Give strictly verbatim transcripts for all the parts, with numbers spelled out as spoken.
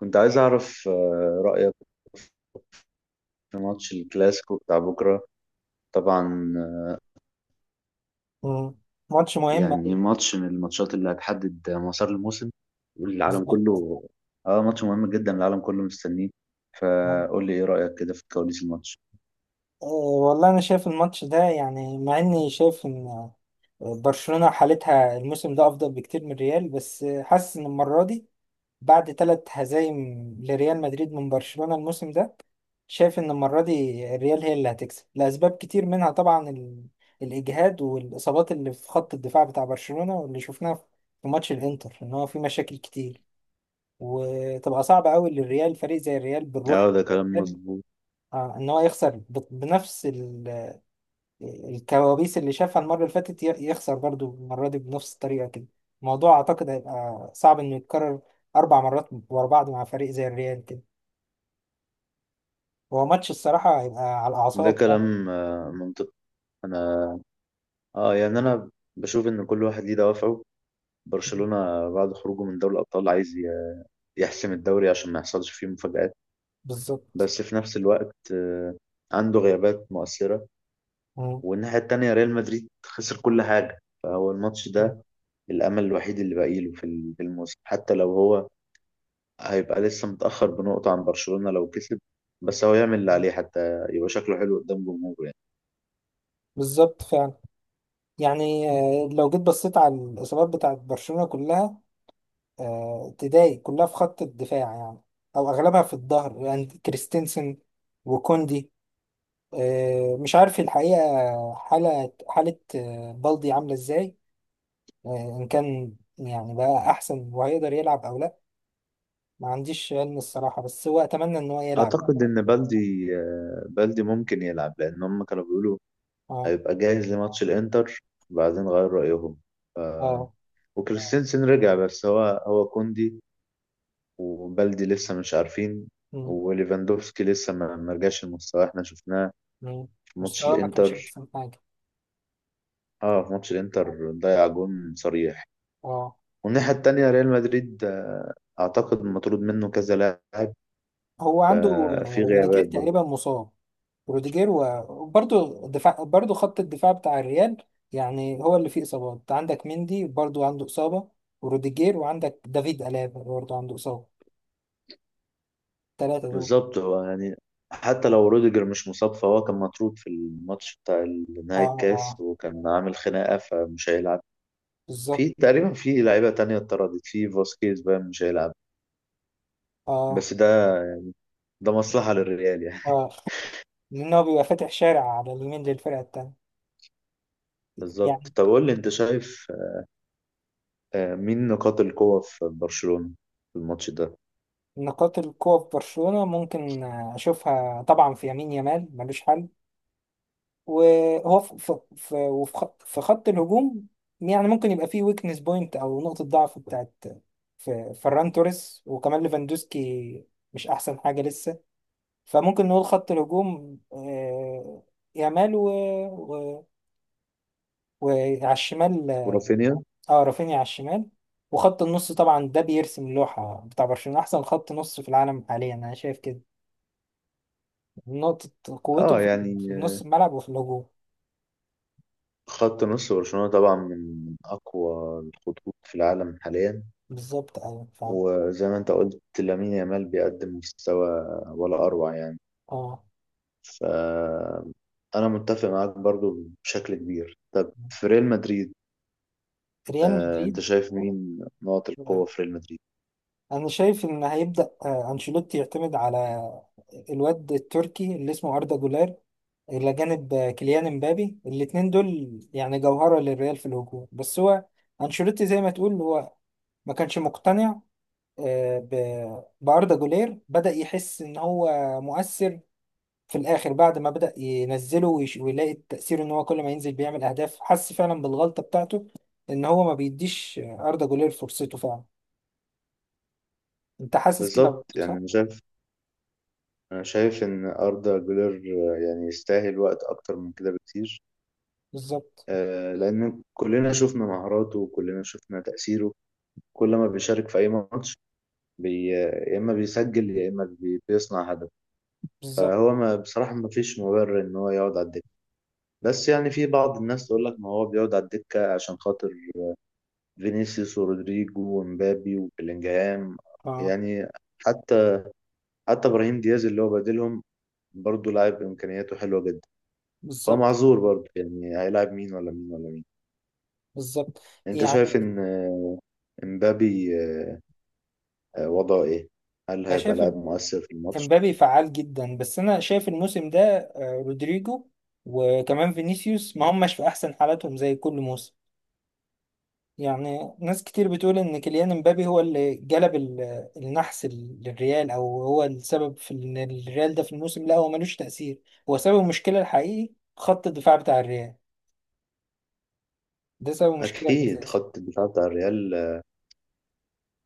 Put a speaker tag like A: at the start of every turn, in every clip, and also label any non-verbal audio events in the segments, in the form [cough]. A: كنت عايز أعرف آه، رأيك في ماتش الكلاسيكو بتاع بكرة. طبعا آه،
B: مم. ماتش مهم
A: يعني
B: أوي.
A: ماتش من الماتشات اللي هتحدد مسار الموسم والعالم
B: بالظبط.
A: كله. اه، ماتش مهم جدا، العالم كله مستنيه. آه، قول لي ايه رأيك كده في كواليس الماتش؟
B: آه، والله انا شايف الماتش ده يعني مع اني شايف ان برشلونة حالتها الموسم ده افضل بكتير من ريال، بس حاسس ان المرة دي بعد ثلاث هزايم لريال مدريد من برشلونة الموسم ده، شايف ان المرة دي الريال هي اللي هتكسب لاسباب كتير، منها طبعا ال... الاجهاد والاصابات اللي في خط الدفاع بتاع برشلونة، واللي شفناها في ماتش الانتر، ان هو في مشاكل كتير وتبقى صعبة قوي للريال فريق زي الريال بالروح
A: اه، ده كلام مظبوط.
B: آه ان هو يخسر ب- بنفس ال- الكوابيس اللي شافها المرة اللي فاتت، ي- يخسر برضو المرة دي بنفس الطريقة كده. الموضوع اعتقد هيبقى صعب انه يتكرر اربع مرات ورا بعض مع فريق زي الريال كده. هو ماتش الصراحة هيبقى على
A: ده
B: الاعصاب بقى.
A: كلام آه، منطقي. انا اه يعني انا بشوف ان كل واحد ليه دوافعه. برشلونة بعد خروجه من دوري الأبطال عايز ي- يحسم الدوري عشان ما يحصلش فيه مفاجآت.
B: بالظبط.
A: بس في نفس الوقت آه، عنده غيابات مؤثرة.
B: مم.
A: والناحية التانية ريال مدريد خسر كل حاجة، فهو الماتش ده الأمل الوحيد اللي باقي له في ال- في الموسم. حتى لو هو هيبقى لسه متأخر بنقطة عن برشلونة لو كسب، بس هو يعمل اللي عليه حتى يبقى شكله حلو قدام جمهوره يعني.
B: بالظبط فعلا. يعني آه، لو جيت بصيت على الإصابات بتاعت برشلونة كلها، آه، تضايق كلها في خط الدفاع يعني، أو أغلبها في الظهر يعني كريستنسن وكوندي. آه، مش عارف الحقيقة حالة حالة آه، بلدي عاملة ازاي، آه، إن كان يعني بقى أحسن وهيقدر يلعب أو لأ. ما عنديش علم الصراحة، بس هو أتمنى إن هو يلعب.
A: أعتقد إن بلدي، آه، بلدي ممكن يلعب، لأن هم كانوا بيقولوا
B: اه.
A: هيبقى جاهز لماتش الإنتر وبعدين غير رأيهم. ف...
B: اه.
A: وكريستنسن رجع، بس هو هو كوندي وبلدي لسه مش عارفين.
B: مم.
A: وليفاندوفسكي لسه ما ما رجعش المستوى، احنا شفناه
B: مم.
A: ماتش
B: مستواه ما كانش
A: الانتر.
B: أحسن حاجة.
A: اه، في ماتش
B: اه.
A: الانتر ضيع جون صريح.
B: آه.
A: والناحية التانية ريال مدريد آه، اعتقد مطرود منه كذا لاعب.
B: هو عنده
A: آه، في
B: آه، روديجير
A: غيابات
B: تقريبا
A: برضه.
B: مصاب، روديجير و- وبرضه دفاع برضه خط الدفاع بتاع الريال، يعني هو اللي فيه إصابات، عندك مندي برضه عنده إصابة وروديجير، وعندك دافيد ألابا برضه عنده إصابة، الثلاثة دول.
A: بالظبط، هو يعني حتى لو روديجر مش مصاب، فهو كان مطرود في الماتش بتاع
B: اه.
A: نهائي الكاس
B: اه.
A: وكان عامل خناقة فمش هيلعب. في
B: بالظبط.
A: تقريبا في لعيبة تانية اتطردت، في فاسكيز بقى مش هيلعب.
B: اه.
A: بس ده، ده مصلحة للريال يعني.
B: اه لأن هو بيبقى فاتح شارع على اليمين للفرقة التانية.
A: [laughs]
B: يعني
A: بالظبط. طب قول لي انت شايف آه، مين نقاط القوة في برشلونة في الماتش ده؟
B: نقاط القوة في برشلونة ممكن آه، أشوفها طبعا في يمين، يامال ملوش حل، وهو في في في وفي خط في خط الهجوم يعني، ممكن يبقى فيه ويكنس بوينت، أو نقطة ضعف بتاعت في فران توريس وكمان ليفاندوسكي مش أحسن حاجة لسه. فممكن نقول خط الهجوم آه، يامال و... و... وعلى الشمال.
A: ورافينيا.
B: اه رافينيا على الشمال. وخط النص طبعا ده بيرسم لوحة بتاع برشلونة، أحسن خط نص في العالم حاليا أنا شايف كده. نقطة قوته
A: اه
B: في
A: يعني
B: في نص الملعب وفي الهجوم.
A: خط نص برشلونة طبعا من أقوى الخطوط في العالم حاليا.
B: بالظبط. أيوة فاهم.
A: وزي ما انت قلت، لامين يامال بيقدم مستوى ولا أروع يعني.
B: اه.
A: ف أنا متفق معاك برضو بشكل كبير. طب في ريال مدريد،
B: ريال
A: آه، انت
B: مدريد،
A: شايف مين نقط القوة في ريال مدريد؟
B: أنا شايف إن هيبدأ آه، أنشيلوتي يعتمد على الواد التركي اللي اسمه أردا جولير، إلى جانب آه، كيليان امبابي، الاتنين دول يعني جوهرة للريال في الهجوم. بس هو أنشيلوتي زي ما تقول، هو ما كانش مقتنع آه، ب- بأردا جولير، بدأ يحس إن هو مؤثر في الآخر بعد ما بدأ ينزله ويش- ويلاقي التأثير إن هو كل ما ينزل بيعمل أهداف، حس فعلا بالغلطة بتاعته إن هو ما بيديش أردا جولير فرصته فعلا. أنت حاسس كده
A: بالظبط.
B: برضه
A: يعني
B: صح؟
A: انا شايف انا شايف ان أردا جولر آه، يعني يستاهل وقت أكتر من كده بكتير.
B: بالظبط.
A: آه، لأن كلنا شفنا مهاراته وكلنا شفنا تأثيره. كل ما بيشارك في أي ماتش، بي... يا اما بيسجل يا اما بي... بيصنع هدف.
B: بالظبط.
A: فهو ما بصراحه ما فيش مبرر ان هو يقعد على الدكه. بس يعني في بعض الناس تقول لك ما هو بيقعد على الدكه عشان خاطر فينيسيوس ورودريجو ومبابي وبيلينجهام.
B: أه.
A: يعني حتى، حتى ابراهيم دياز اللي هو بديلهم برضه لاعب امكانياته حلوه جدا. هو
B: بالظبط.
A: معذور برضه يعني، هيلاعب مين ولا مين ولا مين.
B: بالظبط
A: انت
B: يعني
A: شايف ان امبابي آه، وضعه ايه؟ هل
B: أنا
A: هيبقى
B: شايف إم-
A: لاعب مؤثر في الماتش؟
B: إمبابي فعال جدا، بس أنا شايف الموسم ده آه، رودريجو وكمان فينيسيوس ما هماش في أحسن حالاتهم زي كل موسم. يعني ناس كتير بتقول ان كيليان امبابي هو اللي جلب ال- النحس ال- للريال، او هو السبب في ان الريال ده في الموسم لا هو ملوش تأثير. هو سبب المشكلة الحقيقي خط الدفاع بتاع الريال، ده سبب المشكلة
A: اكيد
B: الأساسي.
A: خط الدفاع بتاع الريال،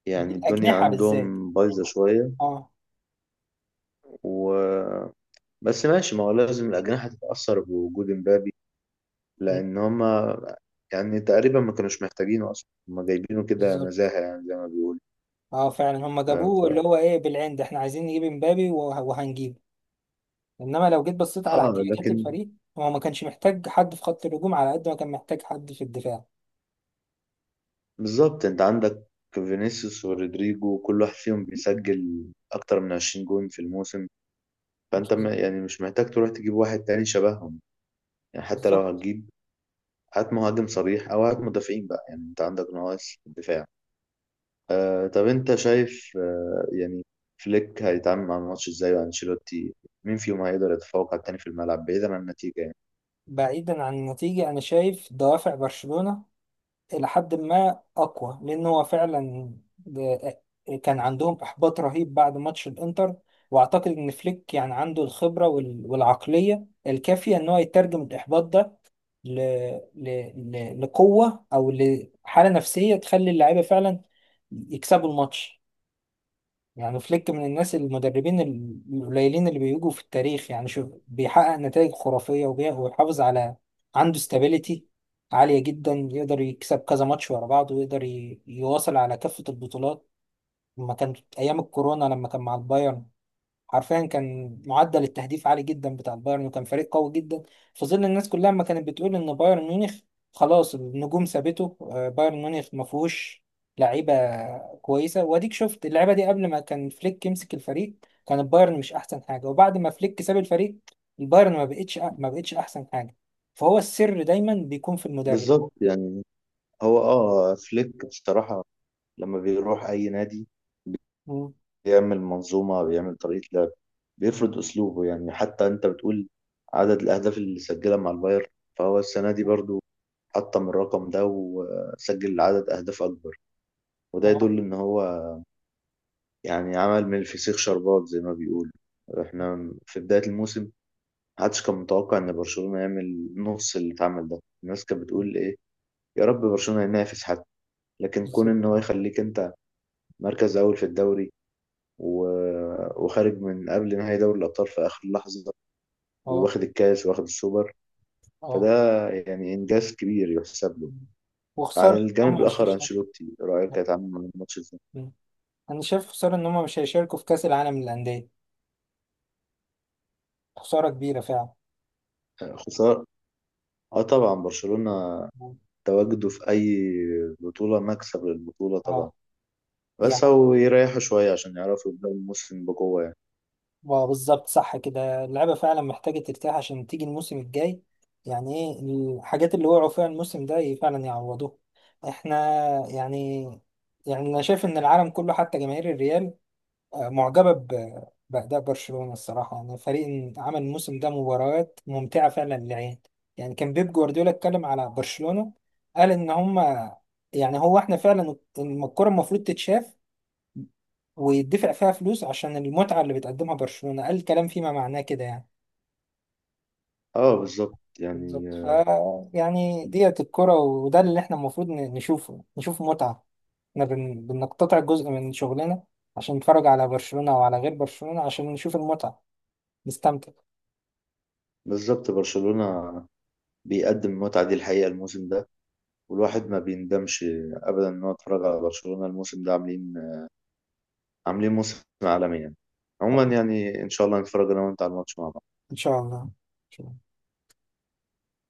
A: يعني الدنيا
B: بالأجنحة بالذات.
A: عندهم بايظة شوية.
B: اه.
A: و بس ماشي، ما هو لازم الأجنحة تتأثر بوجود مبابي.
B: م،
A: لأن هما يعني تقريبا ما كانوش محتاجينه أصلا، هما جايبينه كده
B: بالظبط.
A: نزاهة يعني زي ما بيقولوا.
B: اه فعلا هم
A: آه
B: جابوه
A: ف...
B: اللي هو ايه بالعند احنا عايزين نجيب امبابي، وه- وهنجيبه. انما لو جيت بصيت على
A: آه
B: احتياجات
A: لكن
B: الفريق، هو ما كانش محتاج حد في خط الهجوم على قد ما كان محتاج حد في الدفاع.
A: بالظبط، أنت عندك فينيسيوس ورودريجو كل واحد فيهم بيسجل أكتر من عشرين جون في الموسم. فأنت م- يعني مش محتاج تروح تجيب واحد تاني شبههم. يعني حتى لو
B: بالظبط.
A: هتجيب، هات مهاجم صريح أو هات مدافعين بقى، يعني أنت عندك نواقص دفاع. آه طب انت شايف آه يعني فليك هيتعامل مع الماتش ازاي، وانشيلوتي مين فيهم هيقدر يتفوق على التاني في الملعب بعيدا عن النتيجة يعني؟
B: بعيدا عن النتيجة أنا شايف دوافع برشلونة إلى حد ما أقوى، لأن هو فعلا ده- كان عندهم إحباط رهيب بعد ماتش الإنتر، وأعتقد إن فليك يعني عنده الخبرة وال- والعقلية الكافية إن هو يترجم الإحباط ده ل... ل... ل... لقوة أو لحالة نفسية تخلي اللعيبة فعلا يكسبوا الماتش. يعني فليك من الناس المدربين ال- القليلين اللي بيجوا في التاريخ، يعني شوف بيحقق نتائج خرافية وبي- وبيحافظ على، عنده استابيليتي عالية جدا، يقدر يكسب كذا ماتش ورا بعض ويقدر ي- يواصل على كافة البطولات. لما كان أيام الكورونا لما كان مع البايرن، حرفيا كان معدل التهديف عالي جدا بتاع البايرن وكان فريق قوي جدا في ظل الناس كلها ما كانت بتقول ان بايرن ميونخ خلاص النجوم سابته، آه، بايرن ميونخ ما فيهوش لعيبه كويسه. واديك شفت اللعيبه دي قبل ما كان فليك يمسك الفريق كان البايرن مش احسن حاجه، وبعد ما فليك ساب الفريق البايرن ما بقتش ما بقتش احسن حاجه. فهو السر دايما بيكون في المدرب.
A: بالظبط يعني. هو اه فليك بصراحة لما بيروح اي نادي
B: مم.
A: بيعمل منظومة، بيعمل طريقة لعب، بيفرض اسلوبه. يعني حتى انت بتقول عدد الاهداف اللي سجلها مع البايرن، فهو السنة دي برضو حطم الرقم ده وسجل عدد اهداف اكبر. وده
B: اه.
A: يدل ان هو يعني عمل من الفسيخ شربات زي ما بيقولوا. احنا في بداية الموسم محدش كان متوقع ان برشلونة يعمل نص اللي اتعمل ده. الناس كانت بتقول ايه، يا رب برشلونة ينافس حتى. لكن كون ان
B: بالظبط.
A: هو
B: اه.
A: يخليك انت مركز اول في الدوري و... وخارج من قبل نهائي دوري الابطال في اخر لحظة،
B: اه.
A: واخد الكاس واخد السوبر،
B: آه.
A: فده يعني انجاز كبير يحسب له.
B: وخساره
A: على
B: إن
A: الجانب
B: هم
A: الاخر انشيلوتي، رايك كانت عامل من الماتش ازاي؟
B: مش انا شايف خساره ان هم مش هيشاركوا في كاس العالم للانديه، خساره كبيره فعلا.
A: خسارة. اه طبعا برشلونة تواجده في أي بطولة مكسب للبطولة طبعا،
B: اه
A: بس
B: يعني
A: أو يريحوا شوية عشان يعرفوا يبدأوا الموسم بقوة يعني.
B: آه، بالظبط، صح كده اللعيبه فعلا محتاجه ترتاح عشان تيجي الموسم الجاي. يعني ايه الحاجات اللي وقعوا فيها الموسم ده ي- فعلا يعوضوها. احنا يعني يعني انا شايف ان العالم كله حتى جماهير الريال معجبة ب- بأداء برشلونة، الصراحة أنا فريق عمل الموسم ده مباريات ممتعة فعلا للعين. يعني كان بيب جوارديولا اتكلم على برشلونة قال إن هما، يعني هو إحنا فعلا الكرة المفروض تتشاف ويدفع فيها فلوس عشان المتعة اللي بتقدمها برشلونة. قال الكلام فيما معناه كده يعني.
A: اه بالظبط يعني
B: بالظبط. ف
A: آه،
B: يعني ديت الكرة وده اللي إحنا المفروض ن- نشوفه، نشوف متعة. إحنا بن... بنقتطع جزء من شغلنا عشان نتفرج على برشلونة وعلى غير برشلونة عشان نشوف المتعة، نستمتع.
A: بالظبط. برشلونة بيقدم المتعة دي الحقيقة الموسم ده، والواحد ما بيندمش أبدا إن هو اتفرج على برشلونة الموسم ده. عاملين، عاملين موسم عالمي يعني. عموما يعني إن شاء الله نتفرج أنا وأنت على الماتش مع بعض.
B: ان شاء الله. إن شاء الله.